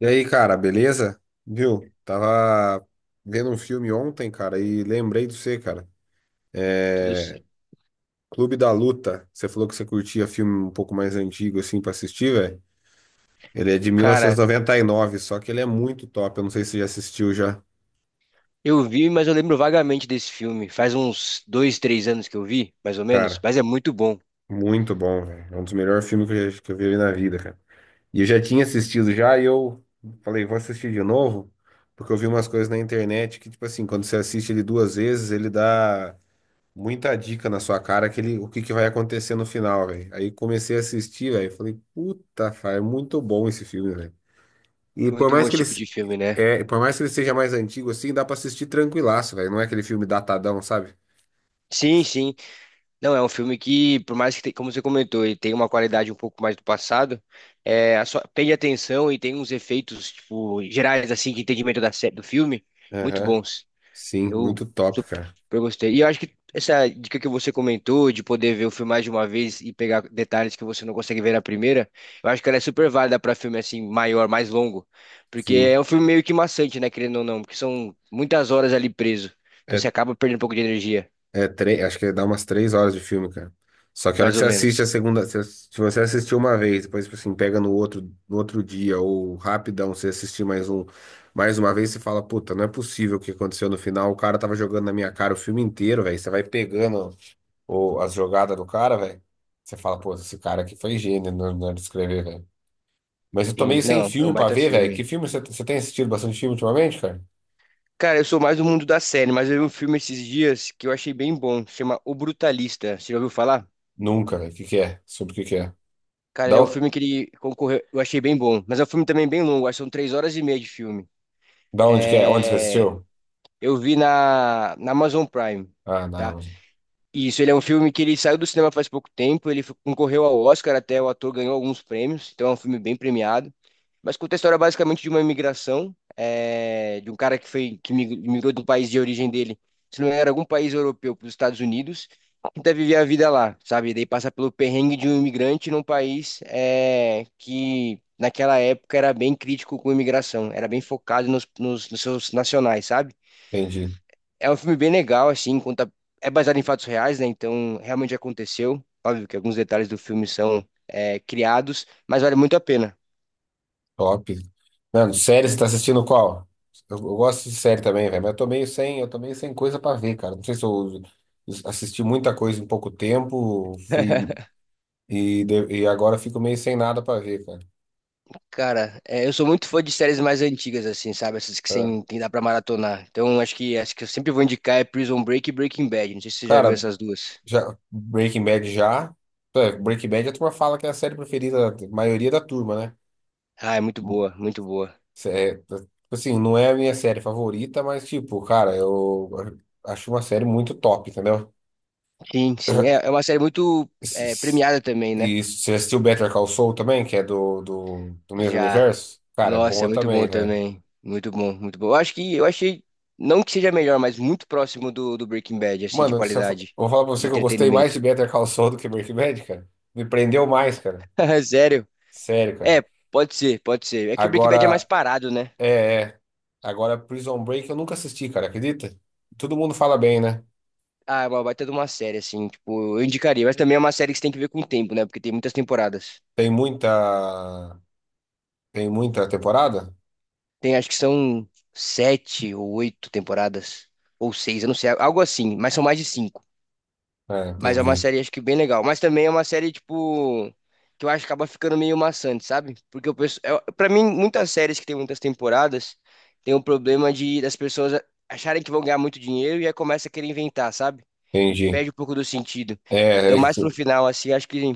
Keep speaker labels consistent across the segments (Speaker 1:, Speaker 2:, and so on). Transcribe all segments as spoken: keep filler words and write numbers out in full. Speaker 1: E aí, cara, beleza? Viu? Tava vendo um filme ontem, cara, e lembrei de você, cara.
Speaker 2: Tudo
Speaker 1: É...
Speaker 2: certo.
Speaker 1: Clube da Luta. Você falou que você curtia filme um pouco mais antigo, assim, pra assistir, velho. Ele é de mil novecentos e
Speaker 2: Cara,
Speaker 1: e noventa e nove, só que ele é muito top. Eu não sei se você já assistiu já.
Speaker 2: eu vi, mas eu lembro vagamente desse filme. Faz uns dois, três anos que eu vi, mais ou menos.
Speaker 1: Cara,
Speaker 2: Mas é muito bom.
Speaker 1: muito bom, velho. É um dos melhores filmes que eu, já- que eu vi na vida, cara. E eu já tinha assistido já, e eu falei, vou assistir de novo, porque eu vi umas coisas na internet que, tipo assim, quando você assiste ele duas vezes, ele dá muita dica na sua cara que ele, o que que vai acontecer no final, velho. Aí comecei a assistir, velho, falei, puta, cara, é muito bom esse filme, velho. E
Speaker 2: É
Speaker 1: por
Speaker 2: muito bom
Speaker 1: mais que
Speaker 2: esse
Speaker 1: ele,
Speaker 2: tipo
Speaker 1: se-
Speaker 2: de filme, né?
Speaker 1: é, por mais que ele seja mais antigo assim, dá pra assistir tranquilaço, velho. Não é aquele filme datadão, sabe?
Speaker 2: Sim, sim. Não, é um filme que, por mais que, te- como você comentou, ele tem uma qualidade um pouco mais do passado, é, a sua- prende atenção e tem uns efeitos, tipo, gerais, assim, de entendimento da, sé- do filme, muito
Speaker 1: Aham.
Speaker 2: bons.
Speaker 1: Sim,
Speaker 2: Eu
Speaker 1: muito top, cara.
Speaker 2: super gostei. E eu acho que essa dica que você comentou de poder ver o filme mais de uma vez e pegar detalhes que você não consegue ver na primeira, eu acho que ela é super válida para filme assim maior, mais longo, porque
Speaker 1: Sim.
Speaker 2: é um filme meio que maçante, né, querendo ou não, porque são muitas horas ali preso. Então
Speaker 1: É
Speaker 2: você acaba perdendo um pouco de energia,
Speaker 1: É, tre- acho que dá umas três horas de filme, cara. Só que a hora que
Speaker 2: mais
Speaker 1: você
Speaker 2: ou
Speaker 1: assiste a
Speaker 2: menos.
Speaker 1: segunda, se se você assistiu uma vez, depois, tipo assim, pega no outro, no outro dia, ou rapidão, você assistir mais um, mais uma vez, você fala, puta, não é possível o que aconteceu no final, o cara tava jogando na minha cara o filme inteiro, velho. Você vai pegando o, as jogadas do cara, velho. Você fala, pô, esse cara aqui foi gênio na na hora de escrever, velho. Mas eu tô
Speaker 2: Sim,
Speaker 1: meio sem
Speaker 2: não, é
Speaker 1: filme
Speaker 2: um
Speaker 1: pra
Speaker 2: baita
Speaker 1: ver, velho. Que
Speaker 2: filme.
Speaker 1: filme você você tem assistido bastante filme ultimamente, cara?
Speaker 2: Cara, eu sou mais do mundo da série, mas eu vi um filme esses dias que eu achei bem bom, chama O Brutalista. Você já ouviu falar?
Speaker 1: Nunca, velho. O que que é? Sobre o que que é?
Speaker 2: Cara, ele
Speaker 1: Da,
Speaker 2: é um
Speaker 1: o-
Speaker 2: filme que ele concorreu, eu achei bem bom, mas é um filme também bem longo, acho que são três horas e meia de filme.
Speaker 1: da onde que é? Onde você
Speaker 2: É,
Speaker 1: assistiu?
Speaker 2: eu vi na, na Amazon Prime,
Speaker 1: Ah,
Speaker 2: tá?
Speaker 1: não.
Speaker 2: Isso, ele é um filme que ele saiu do cinema faz pouco tempo, ele f- concorreu ao Oscar, até o ator ganhou alguns prêmios, então é um filme bem premiado. Mas conta a história basicamente de uma imigração, é, de um cara que foi que mi- migrou do país de origem dele, se não era algum país europeu para os Estados Unidos, tenta viver a vida lá, sabe? Daí passa pelo perrengue de um imigrante num país é, que naquela época era bem crítico com imigração, era bem focado nos, nos nos seus nacionais, sabe?
Speaker 1: Entendi.
Speaker 2: É um filme bem legal, assim, conta. É baseado em fatos reais, né? Então, realmente aconteceu. Óbvio que alguns detalhes do filme são é, criados, mas vale muito a pena.
Speaker 1: Top. Mano, série, você tá assistindo qual? Eu, eu gosto de série também, velho, mas eu tô meio sem, eu tô meio sem coisa pra ver, cara. Não sei se eu assisti muita coisa em pouco tempo, fui e, de- e agora fico meio sem nada pra ver, cara.
Speaker 2: Cara, é, eu sou muito fã de séries mais antigas, assim, sabe? Essas que
Speaker 1: É.
Speaker 2: sem, tem dá pra maratonar. Então, acho que acho que eu sempre vou indicar é Prison Break e Breaking Bad. Não sei se você já viu
Speaker 1: Cara,
Speaker 2: essas duas.
Speaker 1: já, Breaking Bad já. É, Breaking Bad a turma fala que é a série preferida da maioria da turma, né?
Speaker 2: Ah, é muito boa, muito boa.
Speaker 1: Cê- É, tá, tipo assim, não é a minha série favorita, mas tipo, cara, eu acho uma série muito top, entendeu?
Speaker 2: Sim, sim. É, é uma série muito é,
Speaker 1: Esses-
Speaker 2: premiada também, né?
Speaker 1: E você assistiu Better Call Saul também, que é do, do, do mesmo
Speaker 2: Já.
Speaker 1: universo? Cara, é
Speaker 2: Nossa, é
Speaker 1: boa
Speaker 2: muito
Speaker 1: também,
Speaker 2: bom
Speaker 1: velho.
Speaker 2: também. Muito bom, muito bom. Eu acho que eu achei, não que seja melhor, mas muito próximo do, do Breaking Bad, assim, de
Speaker 1: Mano, se eu, fa- eu
Speaker 2: qualidade,
Speaker 1: vou falar pra
Speaker 2: de
Speaker 1: você que eu gostei mais
Speaker 2: entretenimento.
Speaker 1: de Better Call Saul do que Breaking Bad, cara. Me prendeu mais, cara.
Speaker 2: Sério?
Speaker 1: Sério, cara.
Speaker 2: É, pode ser, pode ser. É que Breaking Bad é mais
Speaker 1: Agora,
Speaker 2: parado, né?
Speaker 1: é, é. Agora, Prison Break eu nunca assisti, cara, acredita? Todo mundo fala bem, né?
Speaker 2: Ah, é uma baita de uma série, assim, tipo, eu indicaria, mas também é uma série que você tem que ver com o tempo, né? Porque tem muitas temporadas.
Speaker 1: Tem muita. Tem muita temporada?
Speaker 2: Tem, acho que são sete ou oito temporadas, ou seis, eu não sei, algo assim, mas são mais de cinco.
Speaker 1: É,
Speaker 2: Mas é uma
Speaker 1: entendi.
Speaker 2: série, acho que bem legal. Mas também é uma série, tipo, que eu acho que acaba ficando meio maçante, sabe? Porque o pessoal. é- Pra mim, muitas séries que tem muitas temporadas tem o problema de das pessoas acharem que vão ganhar muito dinheiro e aí começa a querer inventar, sabe?
Speaker 1: Entendi.
Speaker 2: Perde um pouco do sentido. Então,
Speaker 1: É, é.
Speaker 2: mais pro final, assim, acho que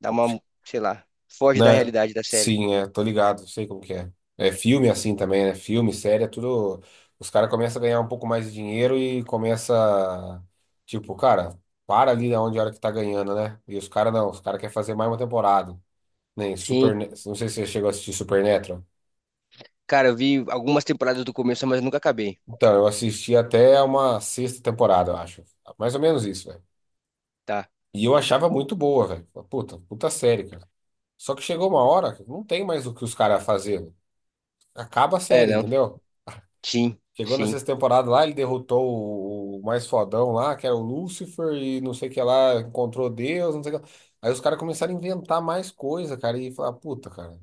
Speaker 2: dá uma, sei lá, foge da
Speaker 1: Na...
Speaker 2: realidade da série.
Speaker 1: Sim, é, tô ligado, sei como que é. É filme assim também, né? Filme, série, é tudo. Os caras começam a ganhar um pouco mais de dinheiro e começa, tipo, cara, para ali onde a hora que tá ganhando, né? E os caras não, os caras querem fazer mais uma temporada. Nem Super,
Speaker 2: Sim.
Speaker 1: não sei se você chegou a assistir Supernatural.
Speaker 2: Cara, eu vi algumas temporadas do começo, mas nunca acabei,
Speaker 1: Então, eu assisti até uma sexta temporada, eu acho. Mais ou menos isso, velho.
Speaker 2: tá?
Speaker 1: E eu achava muito boa, velho. Puta, puta série, cara. Só que chegou uma hora, que não tem mais o que os caras fazer. Acaba a
Speaker 2: É,
Speaker 1: série,
Speaker 2: não.
Speaker 1: entendeu?
Speaker 2: Sim,
Speaker 1: Chegou na
Speaker 2: sim.
Speaker 1: sexta temporada lá, ele derrotou o, o mais fodão lá, que era o Lúcifer, e não sei o que lá, encontrou Deus, não sei o que lá. Aí os caras começaram a inventar mais coisa, cara, e falar, puta, cara,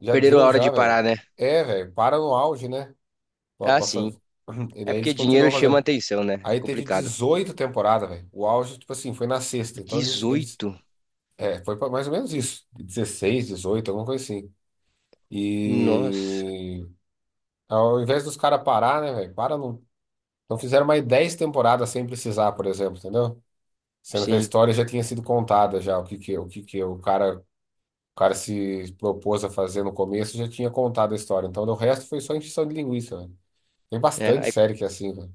Speaker 1: já
Speaker 2: Perderam a
Speaker 1: deu
Speaker 2: hora
Speaker 1: já,
Speaker 2: de
Speaker 1: velho.
Speaker 2: parar, né?
Speaker 1: É, velho, para no auge, né? Pra-
Speaker 2: Ah,
Speaker 1: pra fa-
Speaker 2: sim.
Speaker 1: E
Speaker 2: É
Speaker 1: daí eles
Speaker 2: porque dinheiro
Speaker 1: continuam
Speaker 2: chama
Speaker 1: fazendo.
Speaker 2: atenção, né? É
Speaker 1: Aí teve
Speaker 2: complicado.
Speaker 1: dezoito temporadas, velho. O auge, tipo assim, foi na sexta. Então eles, eles,
Speaker 2: Dezoito.
Speaker 1: é, foi pra mais ou menos isso. Dezesseis, dezoito, alguma coisa assim.
Speaker 2: Nossa,
Speaker 1: E ao invés dos caras parar, né, velho? Para, não Não fizeram mais dez temporadas sem precisar, por exemplo, entendeu? Sendo que a
Speaker 2: sim.
Speaker 1: história já tinha sido contada já, o que que, o que que o cara, o cara se propôs a fazer no começo já tinha contado a história. Então, o resto foi só encheção de linguiça, velho. Tem
Speaker 2: É,
Speaker 1: bastante
Speaker 2: aí
Speaker 1: série que é assim, velho.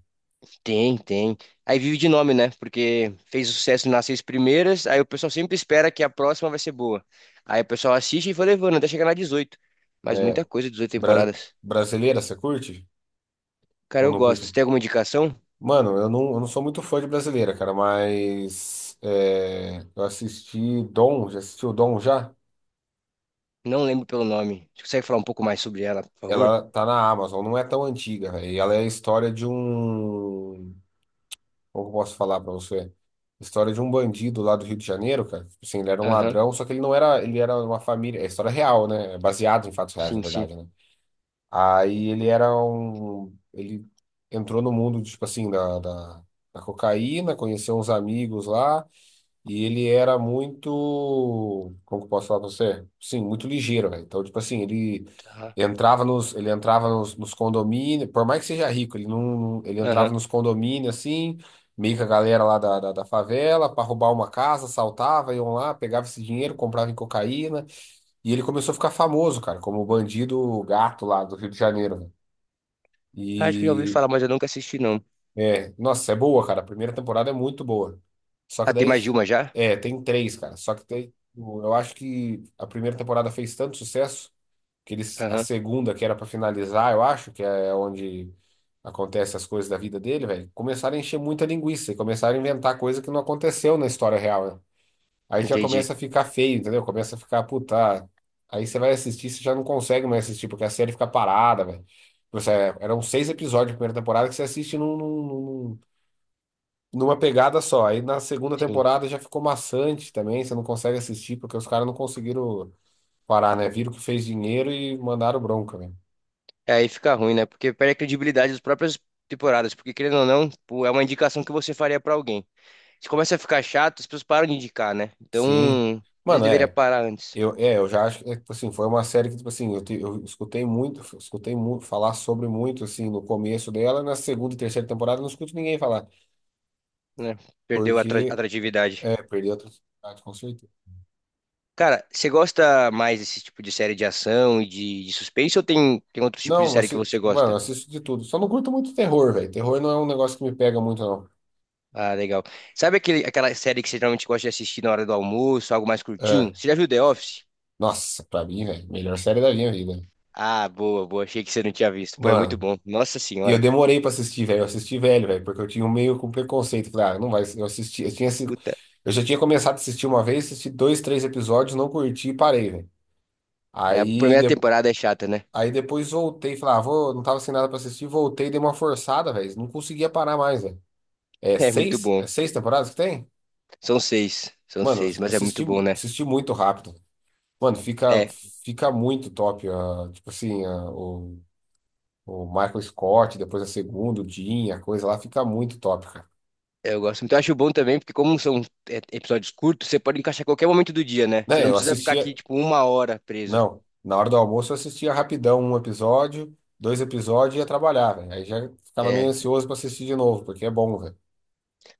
Speaker 2: tem, tem. Aí vive de nome, né? Porque fez sucesso nas seis primeiras, aí o pessoal sempre espera que a próxima vai ser boa. Aí o pessoal assiste e vai levando até chegar na dezoito. Mas
Speaker 1: É,
Speaker 2: muita coisa, dezoito
Speaker 1: bra-
Speaker 2: temporadas.
Speaker 1: brasileira, você curte?
Speaker 2: Cara,
Speaker 1: Ou
Speaker 2: eu
Speaker 1: não curte?
Speaker 2: gosto. Você tem alguma indicação?
Speaker 1: Mano, eu não, eu não sou muito fã de brasileira, cara, mas é, eu assisti Dom, já assistiu Dom já?
Speaker 2: Não lembro pelo nome. Você consegue falar um pouco mais sobre ela, por favor?
Speaker 1: Ela tá na Amazon, não é tão antiga, velho. E ela é a história de um. Como que eu posso falar pra você? História de um bandido lá do Rio de Janeiro, cara. Tipo assim, ele era um
Speaker 2: Aham.
Speaker 1: ladrão, só que ele não era. Ele era uma família. É história real, né? É baseado em fatos reais, na
Speaker 2: Sim, sim.
Speaker 1: verdade, né? Aí ele era um. Ele entrou no mundo, tipo assim, da, da, da cocaína, conheceu uns amigos lá. E ele era muito, como que eu posso falar pra você? Sim, muito ligeiro, velho. Então, tipo assim, ele
Speaker 2: Aham.
Speaker 1: entrava nos, ele entrava nos, nos condomínios, por mais que seja rico, ele não, ele entrava
Speaker 2: Aham.
Speaker 1: nos condomínios assim, meio que a galera lá da, da, da favela, pra roubar uma casa, saltava iam lá, pegava esse dinheiro, comprava em cocaína, e ele começou a ficar famoso, cara, como o bandido gato lá do Rio de Janeiro, né?
Speaker 2: Ah, acho que eu já ouvi
Speaker 1: e
Speaker 2: falar, mas eu nunca assisti, não.
Speaker 1: é, Nossa, é boa, cara. A primeira temporada é muito boa. Só que
Speaker 2: Ah, tem
Speaker 1: daí.
Speaker 2: mais de uma já?
Speaker 1: É, tem três, cara. Só que tem. Eu acho que a primeira temporada fez tanto sucesso que eles, a
Speaker 2: Aham.
Speaker 1: segunda, que era pra finalizar, eu acho, que é onde acontece as coisas da vida dele, velho, começaram a encher muita linguiça e começaram a inventar coisa que não aconteceu na história real, né? Aí já
Speaker 2: Entendi.
Speaker 1: começa a ficar feio, entendeu? Começa a ficar, puta. Aí você vai assistir, você já não consegue mais assistir, porque a série fica parada, velho. Tipo, Você- é, Eram seis episódios da primeira temporada que você assiste num, num, numa pegada só. Aí na segunda
Speaker 2: Sim.
Speaker 1: temporada já ficou maçante também, você não consegue assistir porque os caras não conseguiram parar, né? Viram que fez dinheiro e mandaram bronca, né?
Speaker 2: É, aí fica ruim, né? Porque perde a credibilidade das próprias temporadas. Porque, querendo ou não, pô, é uma indicação que você faria pra alguém. Se começa a ficar chato, as pessoas param de indicar, né?
Speaker 1: Sim.
Speaker 2: Então, eles
Speaker 1: Mano,
Speaker 2: deveriam
Speaker 1: é,
Speaker 2: parar antes,
Speaker 1: eu, é, eu já acho que, é, tipo assim, foi uma série que, tipo assim, eu, te- eu escutei muito, escutei muito, falar sobre muito, assim, no começo dela, na segunda e terceira temporada eu não escuto ninguém falar,
Speaker 2: né? Perdeu a atra-
Speaker 1: porque,
Speaker 2: atratividade.
Speaker 1: é, perdeu a oportunidade, com certeza.
Speaker 2: Cara, você gosta mais desse tipo de série de ação e de, de suspense ou tem, tem outro tipo de
Speaker 1: Não,
Speaker 2: série que
Speaker 1: assim,
Speaker 2: você
Speaker 1: mano, eu
Speaker 2: gosta?
Speaker 1: assisto de tudo. Só não curto muito terror, velho. Terror não é um negócio que me pega muito, não.
Speaker 2: Ah, legal. Sabe aquele, aquela série que você geralmente gosta de assistir na hora do almoço, algo mais curtinho?
Speaker 1: É,
Speaker 2: Você já viu The Office?
Speaker 1: nossa, pra mim, velho, melhor série da minha vida.
Speaker 2: Ah, boa, boa. Achei que você não tinha visto. Pô, é muito
Speaker 1: Mano,
Speaker 2: bom. Nossa
Speaker 1: e eu
Speaker 2: senhora.
Speaker 1: demorei pra assistir, velho. Eu assisti velho, velho, porque eu tinha um meio com preconceito. Falei, ah, não vai. Eu assisti, eu tinha, assi-
Speaker 2: Puta.
Speaker 1: eu já tinha começado a assistir uma vez, assisti dois, três episódios, não curti e parei, velho.
Speaker 2: É, a
Speaker 1: Aí,
Speaker 2: primeira
Speaker 1: de-
Speaker 2: temporada é chata, né?
Speaker 1: aí depois voltei, falei, ah, vou, não tava sem nada pra assistir, voltei, dei uma forçada, velho. Não conseguia parar mais, velho. É
Speaker 2: É muito
Speaker 1: seis?
Speaker 2: bom.
Speaker 1: É seis temporadas que tem?
Speaker 2: São seis. São
Speaker 1: Mano,
Speaker 2: seis,
Speaker 1: eu
Speaker 2: mas é
Speaker 1: assisti,
Speaker 2: muito bom, né?
Speaker 1: assisti muito rápido. Mano, fica,
Speaker 2: É,
Speaker 1: fica muito top, ah, tipo assim, ah, o O Michael Scott, depois a segunda, o Jim, a coisa lá fica muito top, cara.
Speaker 2: eu gosto muito. Eu acho bom também, porque como são é, episódios curtos, você pode encaixar qualquer momento do dia, né? Você
Speaker 1: Né,
Speaker 2: não
Speaker 1: eu
Speaker 2: precisa ficar aqui,
Speaker 1: assistia.
Speaker 2: tipo, uma hora preso.
Speaker 1: Não, na hora do almoço eu assistia rapidão um episódio, dois episódios e ia trabalhar, velho. Aí já ficava meio
Speaker 2: É.
Speaker 1: ansioso pra assistir de novo, porque é bom, velho.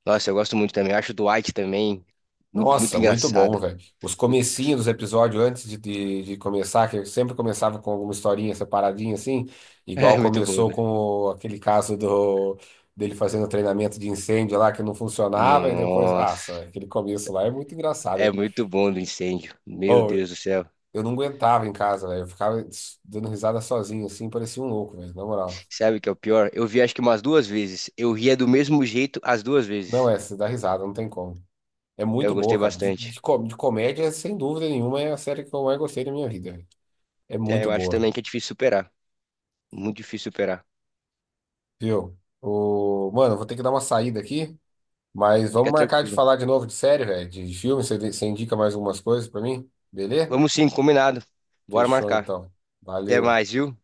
Speaker 2: Nossa, eu gosto muito também. Eu acho o Dwight também muito, muito
Speaker 1: Nossa, muito bom,
Speaker 2: engraçado.
Speaker 1: velho. Os
Speaker 2: Puta.
Speaker 1: comecinhos dos episódios antes de, de, de começar, que eu sempre começava com alguma historinha separadinha assim, igual
Speaker 2: É muito bom,
Speaker 1: começou com
Speaker 2: né?
Speaker 1: o- aquele caso do dele fazendo treinamento de incêndio lá que não funcionava e depois, ah,
Speaker 2: Nossa.
Speaker 1: aquele começo lá é muito
Speaker 2: É
Speaker 1: engraçado.
Speaker 2: muito bom do incêndio. Meu Deus do céu.
Speaker 1: Eu não aguentava em casa, velho. Eu ficava s- dando risada sozinho, assim, parecia um louco, velho, na moral.
Speaker 2: Sabe o que é o pior? Eu vi acho que umas duas vezes. Eu ria do mesmo jeito as duas
Speaker 1: Não,
Speaker 2: vezes.
Speaker 1: é, você dá risada, não tem como. É
Speaker 2: Eu
Speaker 1: muito
Speaker 2: gostei
Speaker 1: boa, cara. De,
Speaker 2: bastante.
Speaker 1: de, co- de comédia, sem dúvida nenhuma, é a série que eu mais gostei da minha vida. velho. É
Speaker 2: É,
Speaker 1: muito
Speaker 2: eu acho
Speaker 1: boa,
Speaker 2: também que é difícil superar. Muito difícil superar.
Speaker 1: viu? O... Mano, eu vou ter que dar uma saída aqui, mas
Speaker 2: Fica
Speaker 1: vamos marcar de
Speaker 2: tranquilo.
Speaker 1: falar de novo de série, velho, de, de filme. Você, você indica mais algumas coisas pra mim? Beleza?
Speaker 2: Vamos sim, combinado. Bora
Speaker 1: Fechou,
Speaker 2: marcar.
Speaker 1: então.
Speaker 2: Até
Speaker 1: Valeu.
Speaker 2: mais, viu?